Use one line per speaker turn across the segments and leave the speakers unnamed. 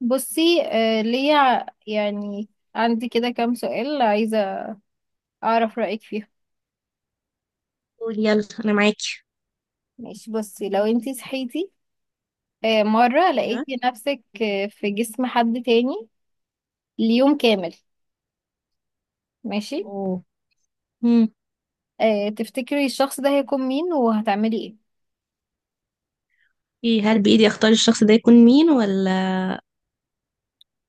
بصي آه ليا يعني عندي كده كام سؤال عايزة أعرف رأيك فيهم.
قول، يلا انا معاكي.
ماشي، بصي لو انتي صحيتي مرة
ايوه.
لقيتي نفسك في جسم حد تاني ليوم كامل. ماشي،
اوه. مم.
آه تفتكري الشخص ده هيكون مين وهتعملي ايه؟
ايه، هل بايدي اختار الشخص ده يكون مين ولا؟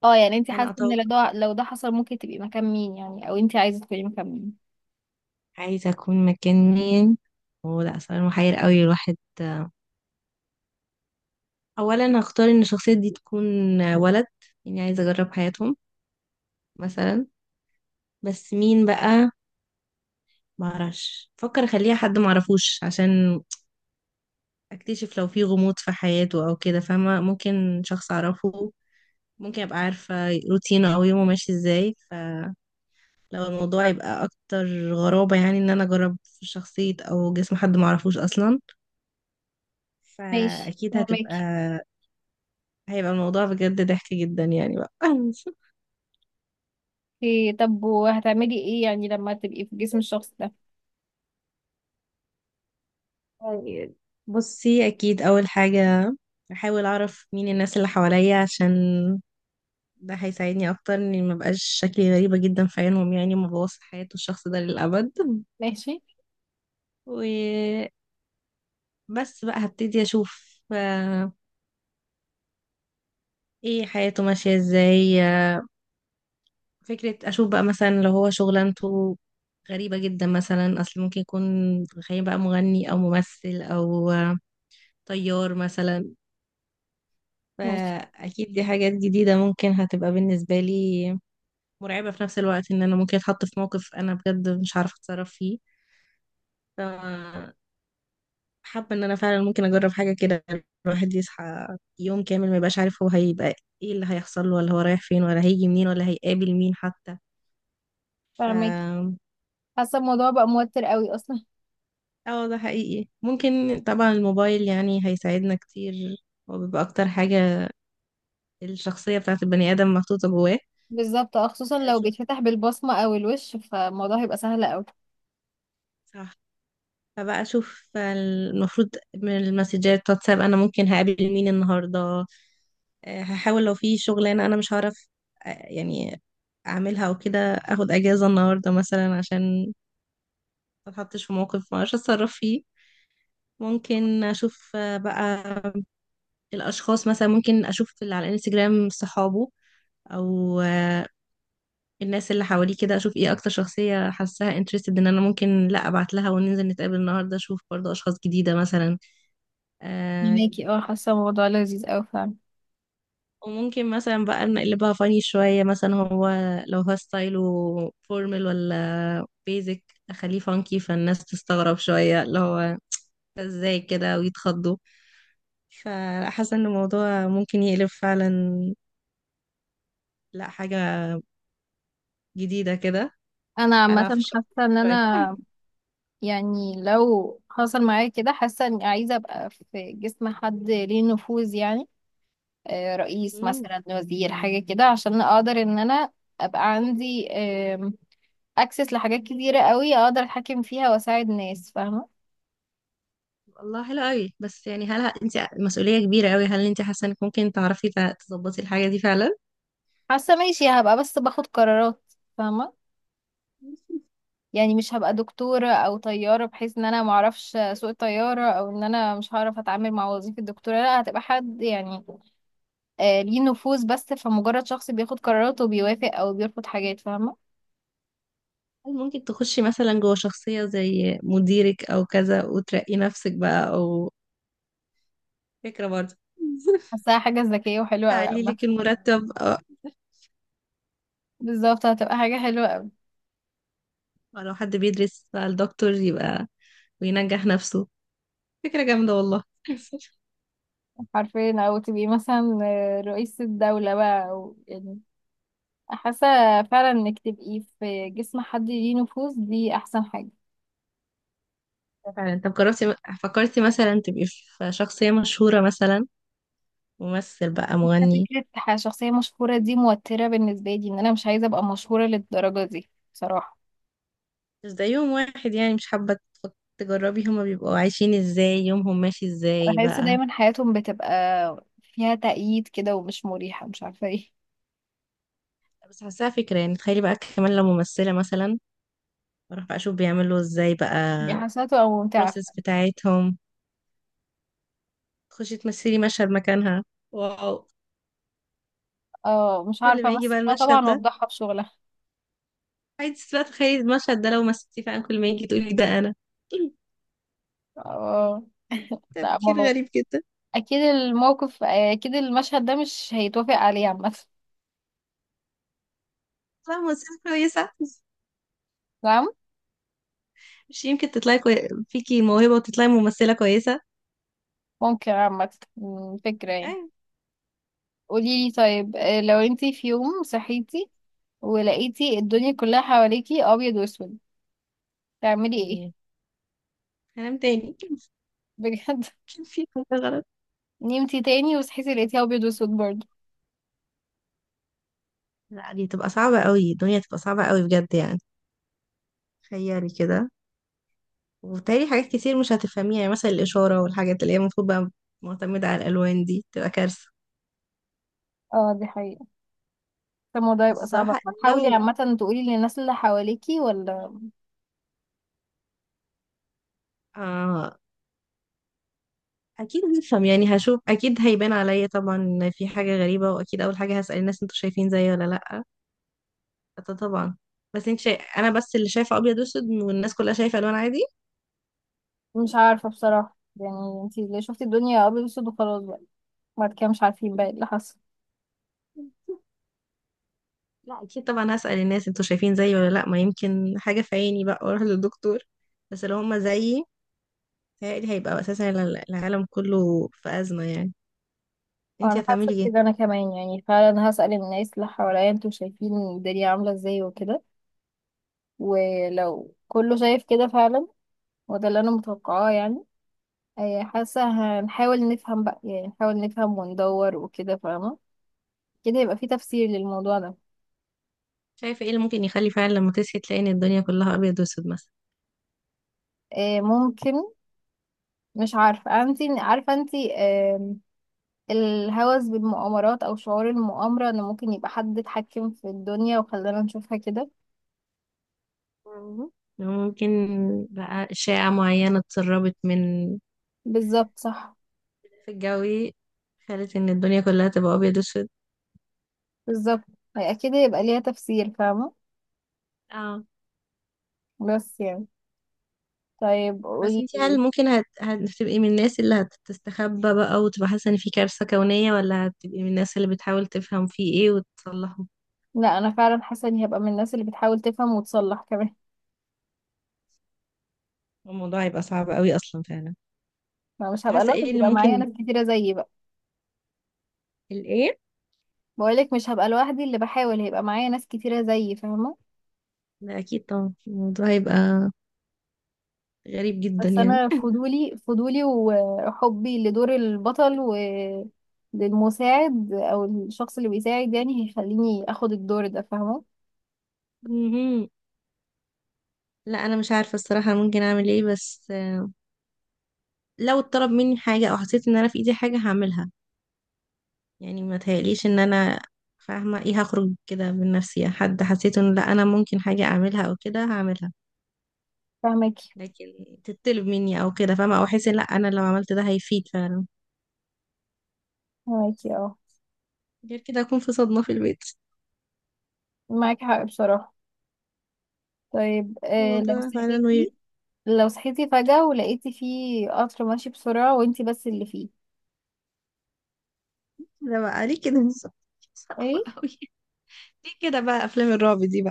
اه يعني انتي
انا
حاسة ان
اتوقع،
لو ده حصل ممكن تبقي مكان مين يعني، او انتي عايزة تكوني مكان مين؟
عايزه اكون مكان مين. اوه لا، سؤال محير قوي الواحد. اولا هختار ان الشخصيه دي تكون ولد، يعني عايزه اجرب حياتهم مثلا. بس مين بقى؟ معرفش، فكر اخليها حد معرفوش عشان اكتشف لو في غموض في حياته او كده، فاهمه؟ ممكن شخص اعرفه، ممكن ابقى عارفه روتينه او يومه ماشي ازاي. لو الموضوع يبقى اكتر غرابة، يعني ان انا اجرب في شخصية او جسم حد معرفوش اصلا،
ماشي،
فاكيد
فهماكي.
هيبقى الموضوع بجد ضحك جدا يعني بقى.
إيه، طب وهتعملي ايه يعني لما تبقي في جسم الشخص ده؟
طيب، بصي اكيد اول حاجة احاول اعرف مين الناس اللي حواليا، عشان ده هيساعدني اكتر اني ما بقاش شكلي غريبة جدا في عينهم، يعني ما بوظ حياة الشخص ده للابد.
ماشي.
وبس بقى هبتدي اشوف، ايه حياته ماشية ازاي. فكرة، أشوف بقى مثلا لو هو شغلانته غريبة جدا مثلا، أصل ممكن يكون، تخيل بقى مغني أو ممثل أو طيار مثلا.
ماشي،
فأكيد دي حاجات جديدة ممكن هتبقى بالنسبة لي مرعبة في نفس الوقت، إن أنا ممكن أتحط في موقف أنا بجد مش عارفة أتصرف فيه. ف حابة إن أنا فعلا ممكن أجرب حاجة كده. الواحد يصحى يوم كامل ما يبقاش عارف هو هيبقى إيه اللي هيحصل له، ولا هو رايح فين، ولا هيجي منين، ولا هيقابل مين حتى.
فهماكي.
ف
حاسة الموضوع بقى موتر قوي اصلا.
اه، ده حقيقي. ممكن طبعا الموبايل يعني هيساعدنا كتير، هو بيبقى اكتر حاجة الشخصية بتاعت البني ادم محطوطة جواه.
بالظبط، اه خصوصا لو
اشوف.
بيتفتح بالبصمة او الوش فالموضوع هيبقى سهل اوي.
صح. فبقى اشوف المفروض من المسجات واتساب انا ممكن هقابل مين النهاردة. هحاول لو في شغلانة انا مش هعرف، يعني اعملها، او كده اخد اجازة النهاردة مثلا عشان ما اتحطش في موقف ما اعرفش اتصرف فيه. ممكن اشوف بقى الاشخاص، مثلا ممكن اشوف اللي على الانستجرام صحابه او الناس اللي حواليه كده، اشوف ايه اكتر شخصية حاساها انترستد ان انا ممكن لا ابعت لها وننزل نتقابل النهاردة، اشوف برضو اشخاص جديدة مثلا. آه،
فهماكي، اه حاسة الموضوع لذيذ اوي فعلا.
وممكن مثلا بقى نقلبها فاني شوية، مثلا هو لو هو ستايله فورمال ولا بيزك اخليه فانكي، فالناس تستغرب شوية اللي هو ده ازاي كده ويتخضوا. فحاسة ان الموضوع ممكن يقلب فعلا لا حاجة جديدة كده،
انا عامة
ألعب في الشخصية
حاسة ان
شوية.
انا يعني لو حصل معايا كده حاسة اني عايزة ابقى في جسم حد ليه نفوذ يعني، رئيس مثلا، وزير، حاجة كده عشان اقدر ان انا ابقى عندي اكسس لحاجات كتيرة قوي اقدر اتحكم فيها واساعد ناس، فاهمة.
والله حلو قوي. بس يعني، هل انت مسؤولية كبيرة قوي، هل انت حاسة انك ممكن تعرفي تظبطي الحاجة دي فعلا؟
حاسة ماشي، هبقى بس باخد قرارات، فاهمة. يعني مش هبقى دكتورة او طيارة بحيث ان انا معرفش سوق طيارة او ان انا مش هعرف اتعامل مع وظيفة الدكتورة، لا هتبقى حد يعني آه ليه نفوذ بس، فمجرد شخص بياخد قرارات وبيوافق او بيرفض حاجات، فاهمة.
هل ممكن تخشي مثلا جوه شخصية زي مديرك او كذا وترقي نفسك بقى، او فكرة برضه؟
حاساها حاجة ذكية وحلوة اوي
تعلي
عامة.
لك المرتب، أو،
بالظبط، هتبقى حاجة حلوة اوي
أو لو حد بيدرس بقى الدكتور، يبقى وينجح نفسه. فكرة جامدة والله.
حرفيا، او تبقي مثلا رئيس الدولة بقى او يعني حاسة فعلا انك تبقي في جسم حد ليه نفوذ دي احسن حاجة.
فعلا. طب جربتي، فكرتي مثلا تبقي في شخصية مشهورة مثلا؟ ممثل بقى، مغني.
فكرة شخصية مشهورة دي موترة بالنسبة لي، ان انا مش عايزة ابقى مشهورة للدرجة دي بصراحة.
مش ده يوم واحد؟ يعني مش حابة تجربي هما بيبقوا عايشين ازاي، يومهم ماشي ازاي
بحس
بقى؟
دايما حياتهم بتبقى فيها تأييد كده ومش مريحة، مش عارفة ايه.
بس حاساها فكرة، يعني تخيلي بقى كمان لو ممثلة مثلا، اروح بقى اشوف بيعملوا ازاي بقى
دي حسناته او ممتعة.
البروسيس بتاعتهم، تخشي تمثلي مشهد مكانها. واو.
اه، مش
كل
عارفة
ما يجي بقى
امثلها
المشهد
طبعا
ده
وافضحها في شغلها.
عايز بقى، تخيلي المشهد ده لو مثلتي فعلا، كل ما يجي تقولي ده انا.
اه. لا
تفكير
ما هو
غريب جدا.
اكيد الموقف، اكيد المشهد ده مش هيتوافق عليه عامة.
لا، ممثلة كويسة.
نعم.
مش يمكن تطلعي فيكي موهبة وتطلعي ممثلة كويسة.
ممكن عامة. فكرة يعني. قوليلي طيب، لو انتي في يوم صحيتي ولقيتي الدنيا كلها حواليكي ابيض واسود تعملي ايه؟
ايوه. هنام تاني.
بجد.
كان في حاجة غلط.
نمتي تاني وصحيتي لقيتيها ابيض واسود برضه.
لا، دي تبقى صعبة قوي، الدنيا تبقى صعبة قوي بجد يعني. تخيلي كده، وبالتالي حاجات كتير مش هتفهميها، يعني مثلا الإشارة والحاجات اللي هي المفروض بقى معتمدة على الألوان، دي تبقى كارثة.
اه دي حقيقة. طب الموضوع
بس
يبقى صعب أوي.
الصراحة،
هتحاولي
لو،
عامة تقولي للناس اللي حواليكي ولا؟
آه أكيد هفهم، يعني هشوف أكيد هيبان عليا طبعا إن في حاجة غريبة، وأكيد أول حاجة هسأل الناس: أنتوا شايفين زيي ولا لأ؟ ده طبعا. بس أنت شايف أنا بس اللي شايفة أبيض وأسود والناس كلها شايفة ألوان عادي.
مش عارفة بصراحة يعني انتي اللي شفتي الدنيا ابيض واسود وخلاص بقى، بعد كده مش عارفين بقى ايه اللي حصل.
لا، اكيد طبعا هسأل الناس انتوا شايفين زيي ولا لا، ما يمكن حاجة في عيني بقى، واروح للدكتور. بس لو هما زيي، تهيألي هيبقى أساسا العالم كله في أزمة، يعني
اه
انتي
انا حاسة
هتعملي ايه؟
كده، انا كمان يعني فعلا هسأل الناس اللي حواليا انتوا شايفين الدنيا عاملة ازاي وكده، ولو كله شايف كده فعلا، وده اللي انا متوقعاه يعني. حاسة هنحاول نفهم بقى، يعني نحاول نفهم وندور وكده، فاهمة. كده يبقى في تفسير للموضوع ده.
شايفة ايه اللي ممكن يخلي فعلا لما تصحي تلاقي ان الدنيا كلها أبيض وأسود مثلا؟
ممكن. مش عارفة، انت عارفة انت الهوس بالمؤامرات او شعور المؤامرة ان ممكن يبقى حد اتحكم في الدنيا وخلانا نشوفها كده.
مم. ممكن بقى أشعة معينة اتسربت من
بالظبط، صح.
في الجوي خلت ان الدنيا كلها تبقى أبيض وأسود.
بالظبط. هي كده يبقى ليها تفسير، فاهمة.
اه.
بس يعني، طيب
بس
قولي
انتي هل
لي.
ممكن هتبقي من الناس اللي هتستخبى بقى وتبقى حاسة ان في كارثة كونية، ولا هتبقي من الناس اللي بتحاول تفهم فيه ايه وتصلحه؟
لا انا فعلا حاسة اني هبقى من الناس اللي بتحاول تفهم وتصلح كمان.
الموضوع هيبقى صعب قوي أصلا فعلا.
ما مش هبقى
حاسة
لوحدي،
ايه اللي
هيبقى معايا
ممكن
ناس كتيرة زيي بقى.
الايه؟
بقولك مش هبقى لوحدي، اللي بحاول هيبقى معايا ناس كتيرة زيي، فاهمة.
لا، اكيد طبعا الموضوع هيبقى غريب جدا
بس
يعني.
انا فضولي، فضولي وحبي لدور البطل وللمساعد او الشخص اللي بيساعد يعني هيخليني اخد الدور ده، فاهمه.
مهم. لا، انا مش عارفه الصراحه ممكن اعمل ايه. بس لو اتطلب مني حاجه او حسيت ان انا في ايدي حاجه هعملها، يعني ما تهيأليش ان انا، فاهمه ايه، هخرج كده من نفسي، يعني حد حسيت ان لا انا ممكن حاجه اعملها او كده هعملها.
فاهمكي.
لكن تتطلب مني او كده، فاهمه، او احس ان لا انا لو عملت ده هيفيد فعلا.
فاهمكي اه.
غير كده اكون في صدمه في البيت.
معاكي حق بصراحه. طيب، آه لو
الموضوع فعلا وير.
صحيتي، لو صحيتي فجأة ولقيتي فيه قطر ماشي بسرعة وانتي بس اللي فيه؟
ده بقى ليه كده؟ صعب
ايه؟
قوي. ليه كده بقى افلام الرعب دي؟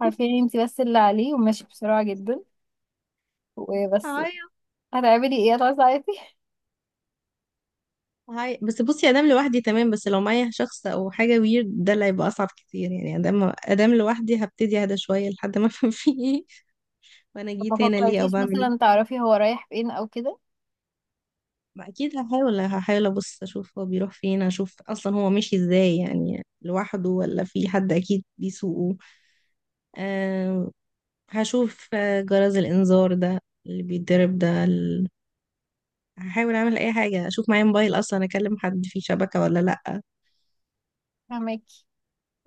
عارفين انتي بس اللي عليه وماشي بسرعة جدا وبس.
بقى،
هتعملي ايه، هتعوزي تعيطي؟
هاي، بس بصي، ادام لوحدي تمام، بس لو معايا شخص او حاجه ويرد ده اللي هيبقى اصعب كتير يعني. ادام لوحدي هبتدي اهدى شويه لحد ما افهم فيه ايه، وانا
طب ما
جيت هنا ليه او
فكرتيش
بعمل
مثلا
ايه.
تعرفي هو رايح فين او كده؟
ما اكيد هحاول ابص اشوف هو بيروح فين، اشوف اصلا هو ماشي ازاي، يعني لوحده ولا في حد اكيد بيسوقه. أه. هشوف جرس الانذار ده اللي بيتضرب ده هحاول اعمل اي حاجه، اشوف معايا موبايل اصلا، اكلم حد فيه شبكه ولا لا.
فهماكي.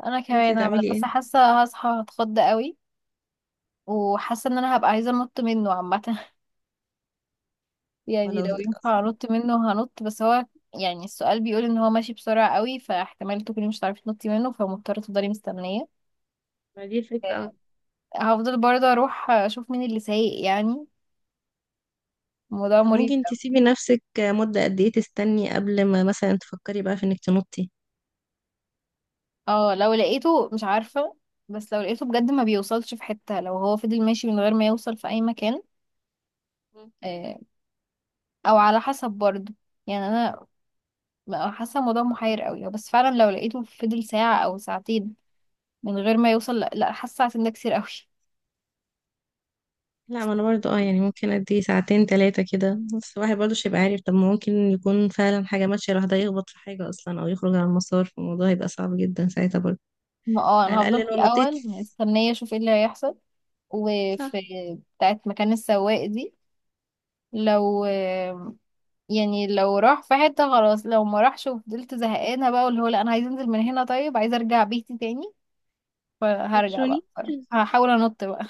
انا
انتي
كمان، انا
هتعملي
بس
ايه؟
حاسه هصحى هتخض قوي وحاسه ان انا هبقى عايزه انط منه عامه. يعني
ولو
لو
اصلا،
ينفع انط منه هنط، بس هو يعني السؤال بيقول ان هو ماشي بسرعه قوي فاحتمال تكوني مش هتعرفي تنطي منه فمضطره تفضلي مستنيه.
ما دي الفكرة.
آه، هفضل برضه اروح اشوف مين اللي سايق يعني. الموضوع
طب
مريب
ممكن
أوي.
تسيبي نفسك مدة قد ايه تستني قبل ما مثلا تفكري بقى في انك تنطي؟
اه لو لقيته مش عارفه، بس لو لقيته بجد ما بيوصلش في حته، لو هو فضل ماشي من غير ما يوصل في اي مكان،
مم.
آه، او على حسب برضه. يعني انا بقى حاسه الموضوع محير قوي، بس فعلا لو لقيته فضل ساعه او ساعتين من غير ما يوصل، لا, لا حاسه ساعتين ده كتير قوي.
لا، ما انا برضو اه يعني ممكن قد ايه، ساعتين تلاتة كده، بس الواحد برضو مش هيبقى عارف، طب ما ممكن يكون فعلا حاجة ماشية الواحد هيخبط في حاجة اصلا او يخرج عن المسار، فالموضوع هيبقى صعب جدا ساعتها برضو.
ما اه انا
على
هفضل
الاقل
في
لو نطيت.
الاول مستنيه اشوف ايه اللي هيحصل، وفي
صح.
بتاعت مكان السواق دي لو، يعني لو راح في حته خلاص، لو ما راحش وفضلت زهقانه بقى واللي هو لا انا عايز انزل من هنا، طيب عايز ارجع بيتي تاني، فهرجع
هتشوني.
بقى بصراحة. هحاول انط بقى.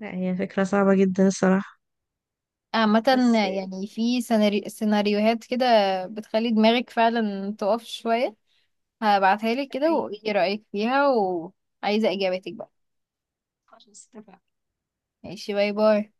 لا، هي فكرة صعبة جدا الصراحة.
عامة
بس
يعني في سيناريوهات كده بتخلي دماغك فعلا تقف شوية. هبعتها لك كده وايه رأيك فيها وعايزة اجابتك بقى. ماشي، باي باي.